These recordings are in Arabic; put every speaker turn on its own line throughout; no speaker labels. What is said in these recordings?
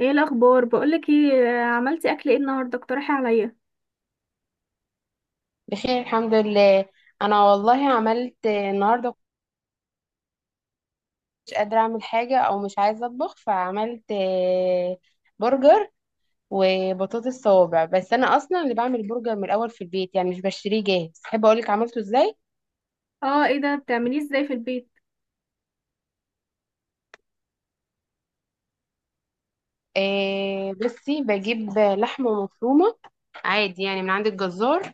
ايه الاخبار؟ بقولك ايه. عملتي اكل ايه النهارده؟ اقترحي عليا.
بخير الحمد لله. انا والله عملت النهارده، مش قادره اعمل حاجه او مش عايزه اطبخ، فعملت برجر وبطاطس صوابع. بس انا اصلا اللي بعمل البرجر من الاول في البيت، يعني مش بشتريه جاهز. احب اقولك عملته ازاي.
اه، ايه ده؟ بتعمليه ازاي في البيت؟
بصي، بجيب لحمه مفرومه عادي يعني من عند الجزار،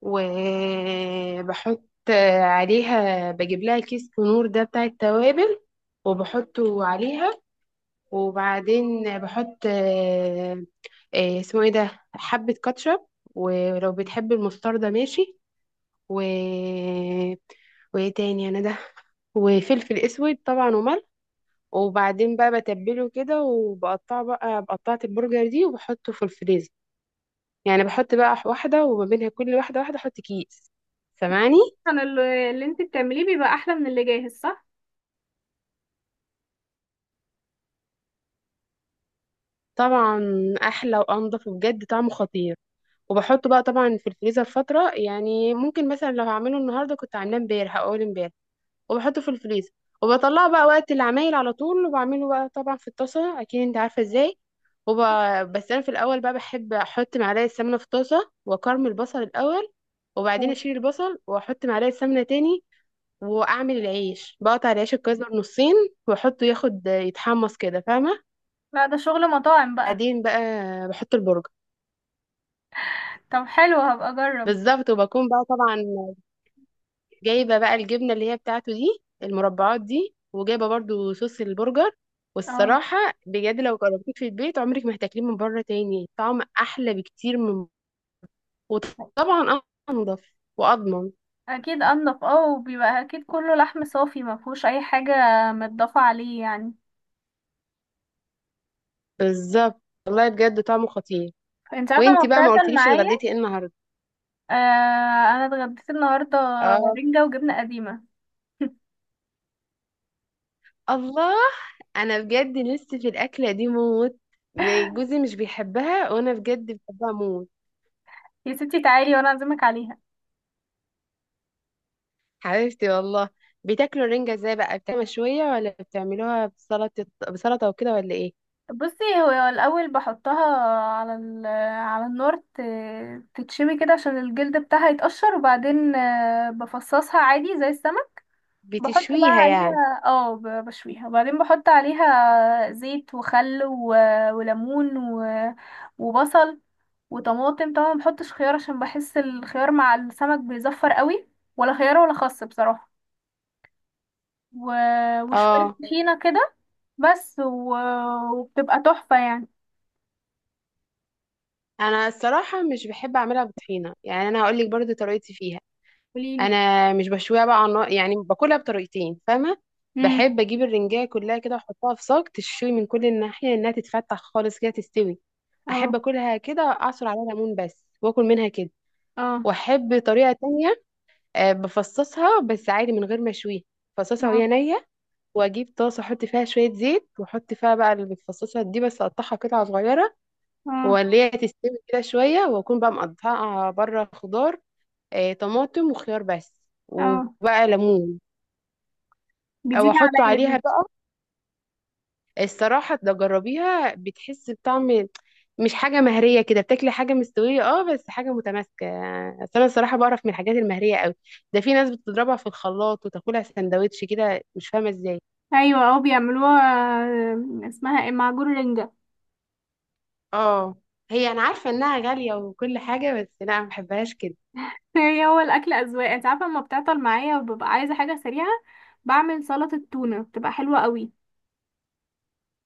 وبحط عليها، بجيب لها كيس كنور ده بتاع التوابل وبحطه عليها. وبعدين بحط اسمه ايه ده، حبة كاتشب، ولو بتحب المستردة ماشي، و وايه تاني انا ده، وفلفل اسود طبعا وملح. وبعدين بقى بتبله كده وبقطعه بقى، بقطعت البرجر دي، وبحطه في الفريزر. يعني بحط بقى واحدة وما بينها كل واحدة واحدة احط كيس. سامعني؟
انا اللي انت بتعمليه بيبقى احلى من اللي جاهز، صح؟
طبعا احلى وانضف وبجد طعمه خطير. وبحطه بقى طبعا في الفريزر فترة، يعني ممكن مثلا لو هعمله النهاردة كنت عاملاه امبارح او اول امبارح، وبحطه في الفريزر، وبطلعه بقى وقت العمايل على طول، وبعمله بقى طبعا في الطاسة، اكيد انت عارفة ازاي. وب... بس انا في الاول بقى بحب احط معلقة سمنة في الطاسة واكرمل البصل الاول، وبعدين اشيل البصل واحط معلقة سمنة تاني، واعمل العيش، بقطع العيش الكايزر نصين واحطه ياخد يتحمص كده، فاهمة؟
لا، ده شغل مطاعم بقى.
بعدين بقى بحط البرجر.
طب حلو، هبقى اجرب.
بالظبط، وبكون بقى طبعا جايبه بقى الجبنه اللي هي بتاعته دي، المربعات دي، وجايبه برضو صوص البرجر
اه،
والصراحه بجد لو جربتيه في البيت عمرك ما هتاكليه من بره تاني. طعم احلى بكتير من، وطبعا انضف واضمن.
اكيد انضف. اه وبيبقى اكيد كله لحم صافي، ما فيهوش اي حاجه متضافه عليه يعني.
بالظبط، والله بجد طعمه خطير.
انت عارفه، ما
وانتي بقى ما
بتاكل
قلتليش
معايا.
اتغديتي ايه النهارده؟
آه، انا اتغديت النهارده
اه،
رنجه وجبنه قديمه.
الله. انا بجد لسه في الاكله دي موت. جوزي مش بيحبها وانا بجد بحبها موت.
يا ستي، تعالي وانا اعزمك عليها.
حبيبتي والله. بتاكلوا الرنجة ازاي بقى، بتعملوها مشوية ولا بتعملوها بسلطة، بسلطة وكده ولا ايه؟
بصي، هو الاول بحطها على ال على النار تتشوي كده عشان الجلد بتاعها يتقشر، وبعدين بفصصها عادي زي السمك. بحط بقى
بتشويها يعني؟
عليها بشويها، وبعدين بحط عليها زيت وخل وليمون وبصل وطماطم، طبعا ما بحطش خيار عشان بحس الخيار مع السمك بيزفر قوي، ولا خيار ولا خس بصراحة، و... وشوية
اه.
طحينة كده. بس، وبتبقى تحفة يعني.
انا الصراحة مش بحب اعملها بطحينة، يعني انا هقول لك برضو طريقتي فيها.
قوليلي.
انا مش بشويها بقى على النار، يعني باكلها بطريقتين فاهمة. بحب اجيب الرنجاية كلها كده واحطها في صاج تشوي من كل الناحية، انها تتفتح خالص كده تستوي. احب
اه.
اكلها كده، اعصر عليها ليمون بس واكل منها كده.
اه.
واحب طريقة تانية، بفصصها بس عادي من غير ما اشويها. بفصصها وهي
اه.
نية، واجيب طاسه احط فيها شويه زيت، واحط فيها بقى المتفصصه دي، بس اقطعها قطع صغيره،
اه.
واللي هي تستوي كده شويه، واكون بقى مقطعه بره خضار، طماطم وخيار بس،
اه.
وبقى ليمون او
جديدة
احطه
عليا
عليها
دي.
بقى. الصراحه ده جربيها، بتحس بطعم، مش حاجه مهريه كده، بتاكلي حاجه مستويه اه بس حاجه متماسكه. أصل انا الصراحه بعرف من الحاجات المهريه قوي. ده في ناس بتضربها في الخلاط وتاكلها سندوتش كده، مش فاهمه ازاي.
ايوه، اه، بيعملوها. اسمها ايه؟ معجون رنجة.
اه، هي انا عارفه انها غاليه وكل حاجه، بس لا ما بحبهاش كده.
هو الاكل اذواق، انت عارفة، لما بتعطل معايا وببقى عايزة حاجة سريعة بعمل سلطة تونة، بتبقى حلوة قوي.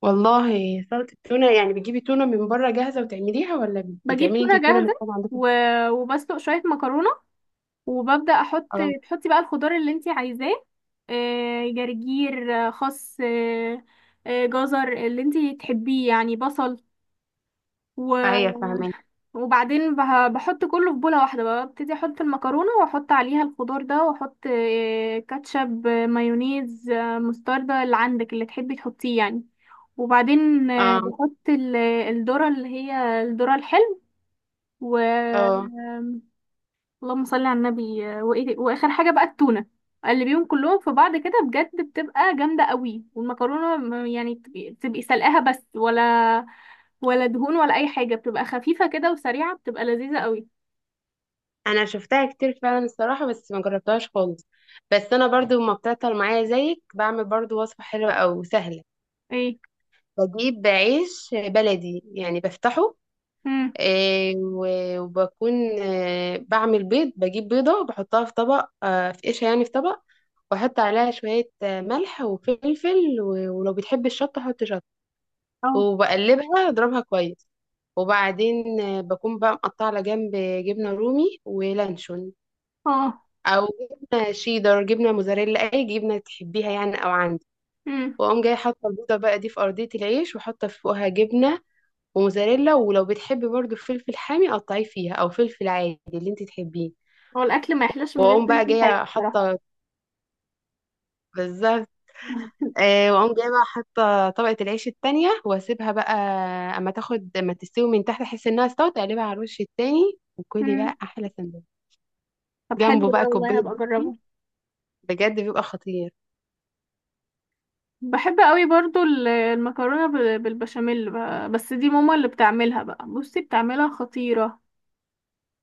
والله سلطه التونه، يعني بتجيبي تونه من بره جاهزه وتعمليها، ولا
بجيب
بتعملي انت
تونة
التونه من
جاهزة
الحاجه عندكم؟
و... وبسلق شوية مكرونة، وببدأ احط.
اه،
تحطي بقى الخضار اللي انت عايزاه، جرجير، خس، جزر، اللي انت تحبيه يعني، بصل.
ايوه فاهمه.
وبعدين بحط كله في بولة واحدة، بقى ببتدي احط المكرونة واحط عليها الخضار ده، واحط كاتشب، مايونيز، مستردة، اللي عندك اللي تحبي تحطيه يعني. وبعدين
اه.
بحط الذرة اللي هي الذرة الحلو. و
اه،
اللهم صل على النبي، واخر حاجة بقى التونة. اقلبيهم كلهم في بعض كده، بجد بتبقى جامدة قوي. والمكرونة يعني تبقي سلقاها بس، ولا دهون ولا اي حاجة، بتبقى خفيفة كده وسريعة، بتبقى لذيذة قوي.
انا شفتها كتير فعلا الصراحه، بس ما جربتهاش خالص. بس انا برضو ما بتعطل معايا زيك بعمل برضو وصفه حلوه او سهله.
ايه؟
بجيب عيش بلدي يعني بفتحه،
امم.
وبكون بعمل بيض، بجيب بيضة بحطها في طبق، في قشة يعني في طبق، واحط عليها شوية ملح وفلفل ولو بتحب الشطة حط شطة،
اه.
وبقلبها اضربها كويس. وبعدين بكون بقى مقطعة على جنب جبنة رومي ولانشون،
اه.
او جبنة شيدر، جبنة موزاريلا، اي جبنة تحبيها يعني او عندك.
امم.
واقوم جاي حاطة البيضة بقى دي في أرضية العيش، وحاطة فوقها جبنة وموزاريلا، ولو بتحبي برضو فلفل حامي قطعيه فيها، او فلفل عادي اللي انت تحبيه.
هو الاكل ما يحلاش من غير
واقوم بقى
فلفل حامي
جايه
بصراحه.
حاطه، بالظبط. آه، واقوم جايه بقى حاطه طبقه العيش التانية، واسيبها بقى اما تاخد، اما تستوي من تحت، احس انها استوت اقلبها على الوش التاني، وكلي
امم.
بقى احلى سندوتش.
طب حلو
جنبه بقى
ده، والله
كوبايه
هبقى
بيبسي،
اجربه.
بجد بيبقى خطير.
بحب قوي برضو المكرونه بالبشاميل بقى. بس دي ماما اللي بتعملها بقى، بصي بتعملها خطيره.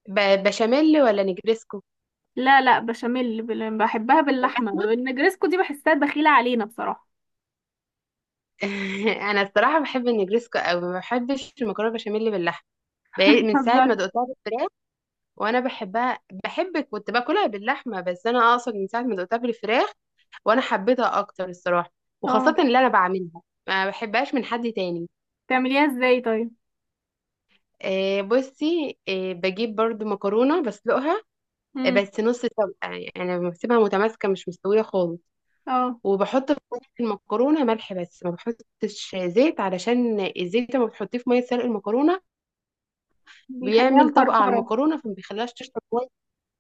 بشاميل ولا نجريسكو؟
لا، لا، بشاميل. بحبها باللحمه.
باللحمه.
النجرسكو دي بحسها دخيله علينا بصراحه.
انا الصراحه بحب النجريسكو قوي، ما بحبش المكرونه بشاميل باللحمه من ساعه ما
بتهزري؟
دقتها بالفراخ. وانا بحبها، بحب كنت باكلها باللحمه، بس انا اقصد من ساعه ما دقتها بالفراخ وانا حبيتها اكتر الصراحه، وخاصه
اه،
اللي انا بعملها. ما بحبهاش من حد تاني.
بتعمليها ازاي طيب؟
آه بصي، آه بجيب برضو مكرونه بسلقها،
امم.
بس نص سلقه، يعني بسيبها متماسكه مش مستويه خالص.
اه،
وبحط في وسط المكرونه ملح بس، ما بحطش زيت، علشان الزيت لما بتحطيه في ميه سلق المكرونه
بيخليها
بيعمل طبقه على
مفرفره.
المكرونه، فما بيخليهاش تشرب كويس.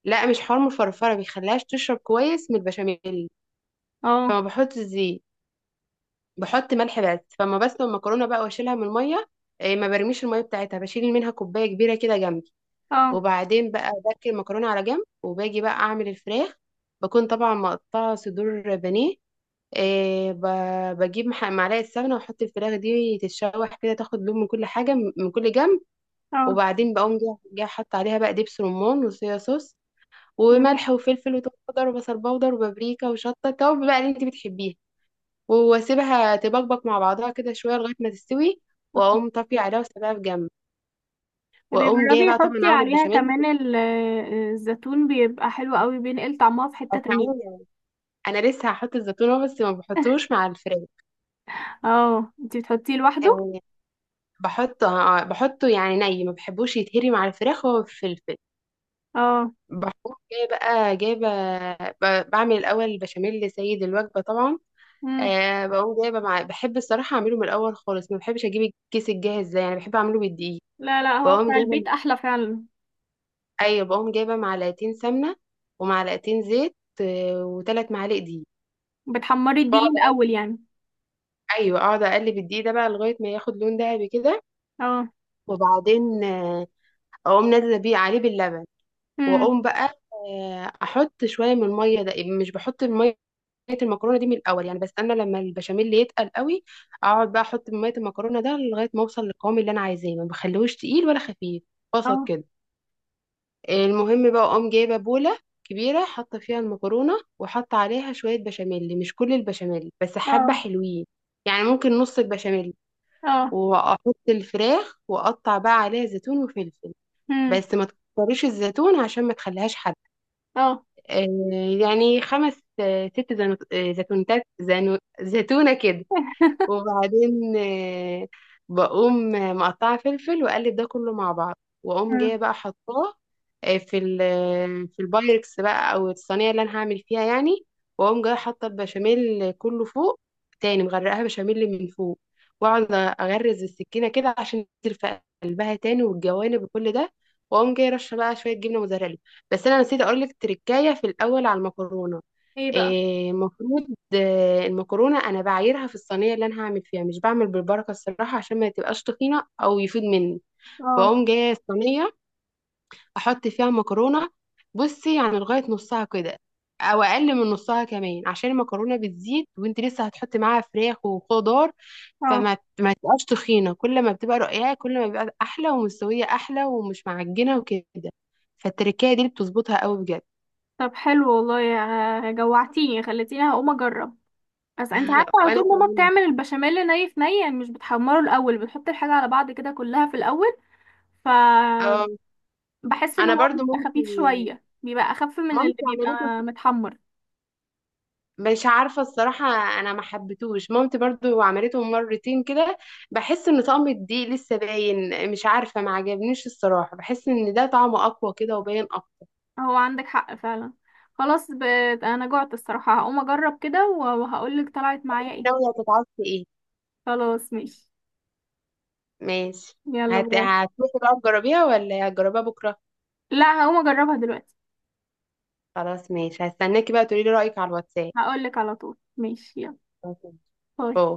لا مش حار مفرفره، بيخليهاش تشرب كويس من البشاميل.
اه.
فما بحط زيت، بحط ملح بس. فما بسلق المكرونه بقى، واشيلها من الميه، إيه، ما برميش الميه بتاعتها، بشيل منها كوبايه كبيره كده جنبي.
اه.
وبعدين بقى بركن المكرونه على جنب، وباجي بقى اعمل الفراخ. بكون طبعا مقطعه صدور بانيه. إيه، بجيب معلقه سمنه، واحط الفراخ دي تتشوح كده، تاخد لون من كل حاجه من كل جنب.
اه.
وبعدين بقوم جاية حاطه عليها بقى دبس رمان، وصويا صوص،
مم.
وملح وفلفل وتوم باودر وبصل باودر وبابريكا وشطه، التوابل بقى اللي انت بتحبيها. واسيبها تبقبق مع بعضها كده شويه لغايه ما تستوي،
اه.
واقوم طافيه عليها واسيبها في جنب. واقوم جايه
بيجربي
بقى طبعا
حطي
اعمل
عليها
بشاميل،
كمان الزيتون بيبقى حلو قوي، بينقل طعمها في حتة
او
تانية.
معايا. انا لسه هحط الزيتون اهو، بس ما بحطوش مع الفراخ
اه، انتي بتحطيه لوحده؟
يعني. بحطه بحطه يعني ني، ما بحبوش يتهري مع الفراخ هو الفلفل.
اه.
بحط جايه بقى جايبه، بعمل الاول بشاميل سيد الوجبه طبعا.
امم.
أه، بقوم جايبه مع، بحب الصراحه اعمله من الاول خالص، ما بحبش اجيب الكيس الجاهز ده، يعني بحب اعمله بالدقيق.
لا، لا، هو
بقوم
بتاع
جايبه،
البيت احلى فعلا.
ايوه بقوم جايبه معلقتين سمنه ومعلقتين زيت، وثلاث معالق دقيق.
بتحمري
بقعد
الدقيق
أقلب-
الاول يعني؟
ايوه اقعد اقلب الدقيق ده بقى لغايه ما ياخد لون دهبي كده.
اه.
وبعدين اقوم نازله بيه عليه باللبن،
امم.
واقوم بقى احط شويه من الميه ده. مش بحط الميه المكرونه دي من الاول، يعني بستنى لما البشاميل يتقل قوي، اقعد بقى احط من ميه المكرونه ده لغايه ما اوصل للقوام اللي انا عايزاه. ما بخليهوش تقيل ولا خفيف، وسط
اه.
كده. المهم بقى اقوم جايبه بوله كبيره، حاطه فيها المكرونه وحاطه عليها شويه بشاميل، مش كل البشاميل بس حبه
اه.
حلوين، يعني ممكن نص البشاميل.
اه.
واحط الفراخ، واقطع بقى عليها زيتون وفلفل،
امم.
بس ما تكتريش الزيتون عشان ما تخليهاش حادقه.
اه.
آه، يعني خمس آه ست زيتونتات زيتونه كده. وبعدين بقوم مقطعة فلفل وأقلب ده كله مع بعض. وأقوم جاية
امم.
بقى حطاه آه، في ال في البايركس بقى أو الصينية اللي أنا هعمل فيها يعني. وأقوم جاية حاطة البشاميل كله فوق، تاني مغرقاها بشاميل من فوق. وأقعد أغرز السكينة كده عشان تنزل في قلبها تاني والجوانب وكل ده. وأقوم جاية رشة بقى شوية جبنة موزاريلا. بس أنا نسيت أقولك تركاية في الأول على المكرونة.
ايه بقى؟
إيه، المفروض المكرونه انا بعايرها في الصينيه اللي انا هعمل فيها، مش بعمل بالبركه الصراحه، عشان ما تبقاش تخينه او يفيد مني.
اه.
بقوم جايه الصينيه، احط فيها مكرونه، بصي يعني لغايه نصها كده، او اقل من نصها كمان، عشان المكرونه بتزيد، وانت لسه هتحطي معاها فراخ وخضار،
اه.
فما ما تبقاش تخينه. كل ما بتبقى رقيقه كل ما بيبقى احلى، ومستويه احلى ومش معجنه وكده. فالتركية دي اللي بتظبطها قوي بجد.
طب حلو والله، جوعتيني، خليتيني هقوم اجرب. بس انت عارفه، على
وانا
طول ماما
كمان.
بتعمل البشاميل ني في ني، يعني مش بتحمره الاول، بتحط الحاجه على بعض كده كلها في الاول. ف،
اه،
بحس ان
انا
هو
برضو
بيبقى
مامتي،
خفيف شوية، بيبقى اخف من اللي
مامتي عملتها،
بيبقى متحمر.
مش عارفة الصراحة. أنا ما حبيتهوش، مامتي برضو عملته مرتين كده، بحس إن طعم الدقيق لسه باين، مش عارفة ما عجبنيش الصراحة، بحس إن ده طعمه أقوى كده وباين أكتر.
هو عندك حق فعلا. خلاص. انا جعت الصراحة، هقوم اجرب كده و- وهقولك طلعت معايا ايه.
ناوية تتعصبي إيه؟
خلاص ماشي.
ماشي.
يلا، باي.
هتروحي بقى تجربيها ولا هتجربيها بكرة؟
لا، هقوم اجربها دلوقتي.
خلاص ماشي، هستناكي بقى تقولي لي رأيك على الواتساب.
هقولك على طول. ماشي، يلا.
أوكي.
باي.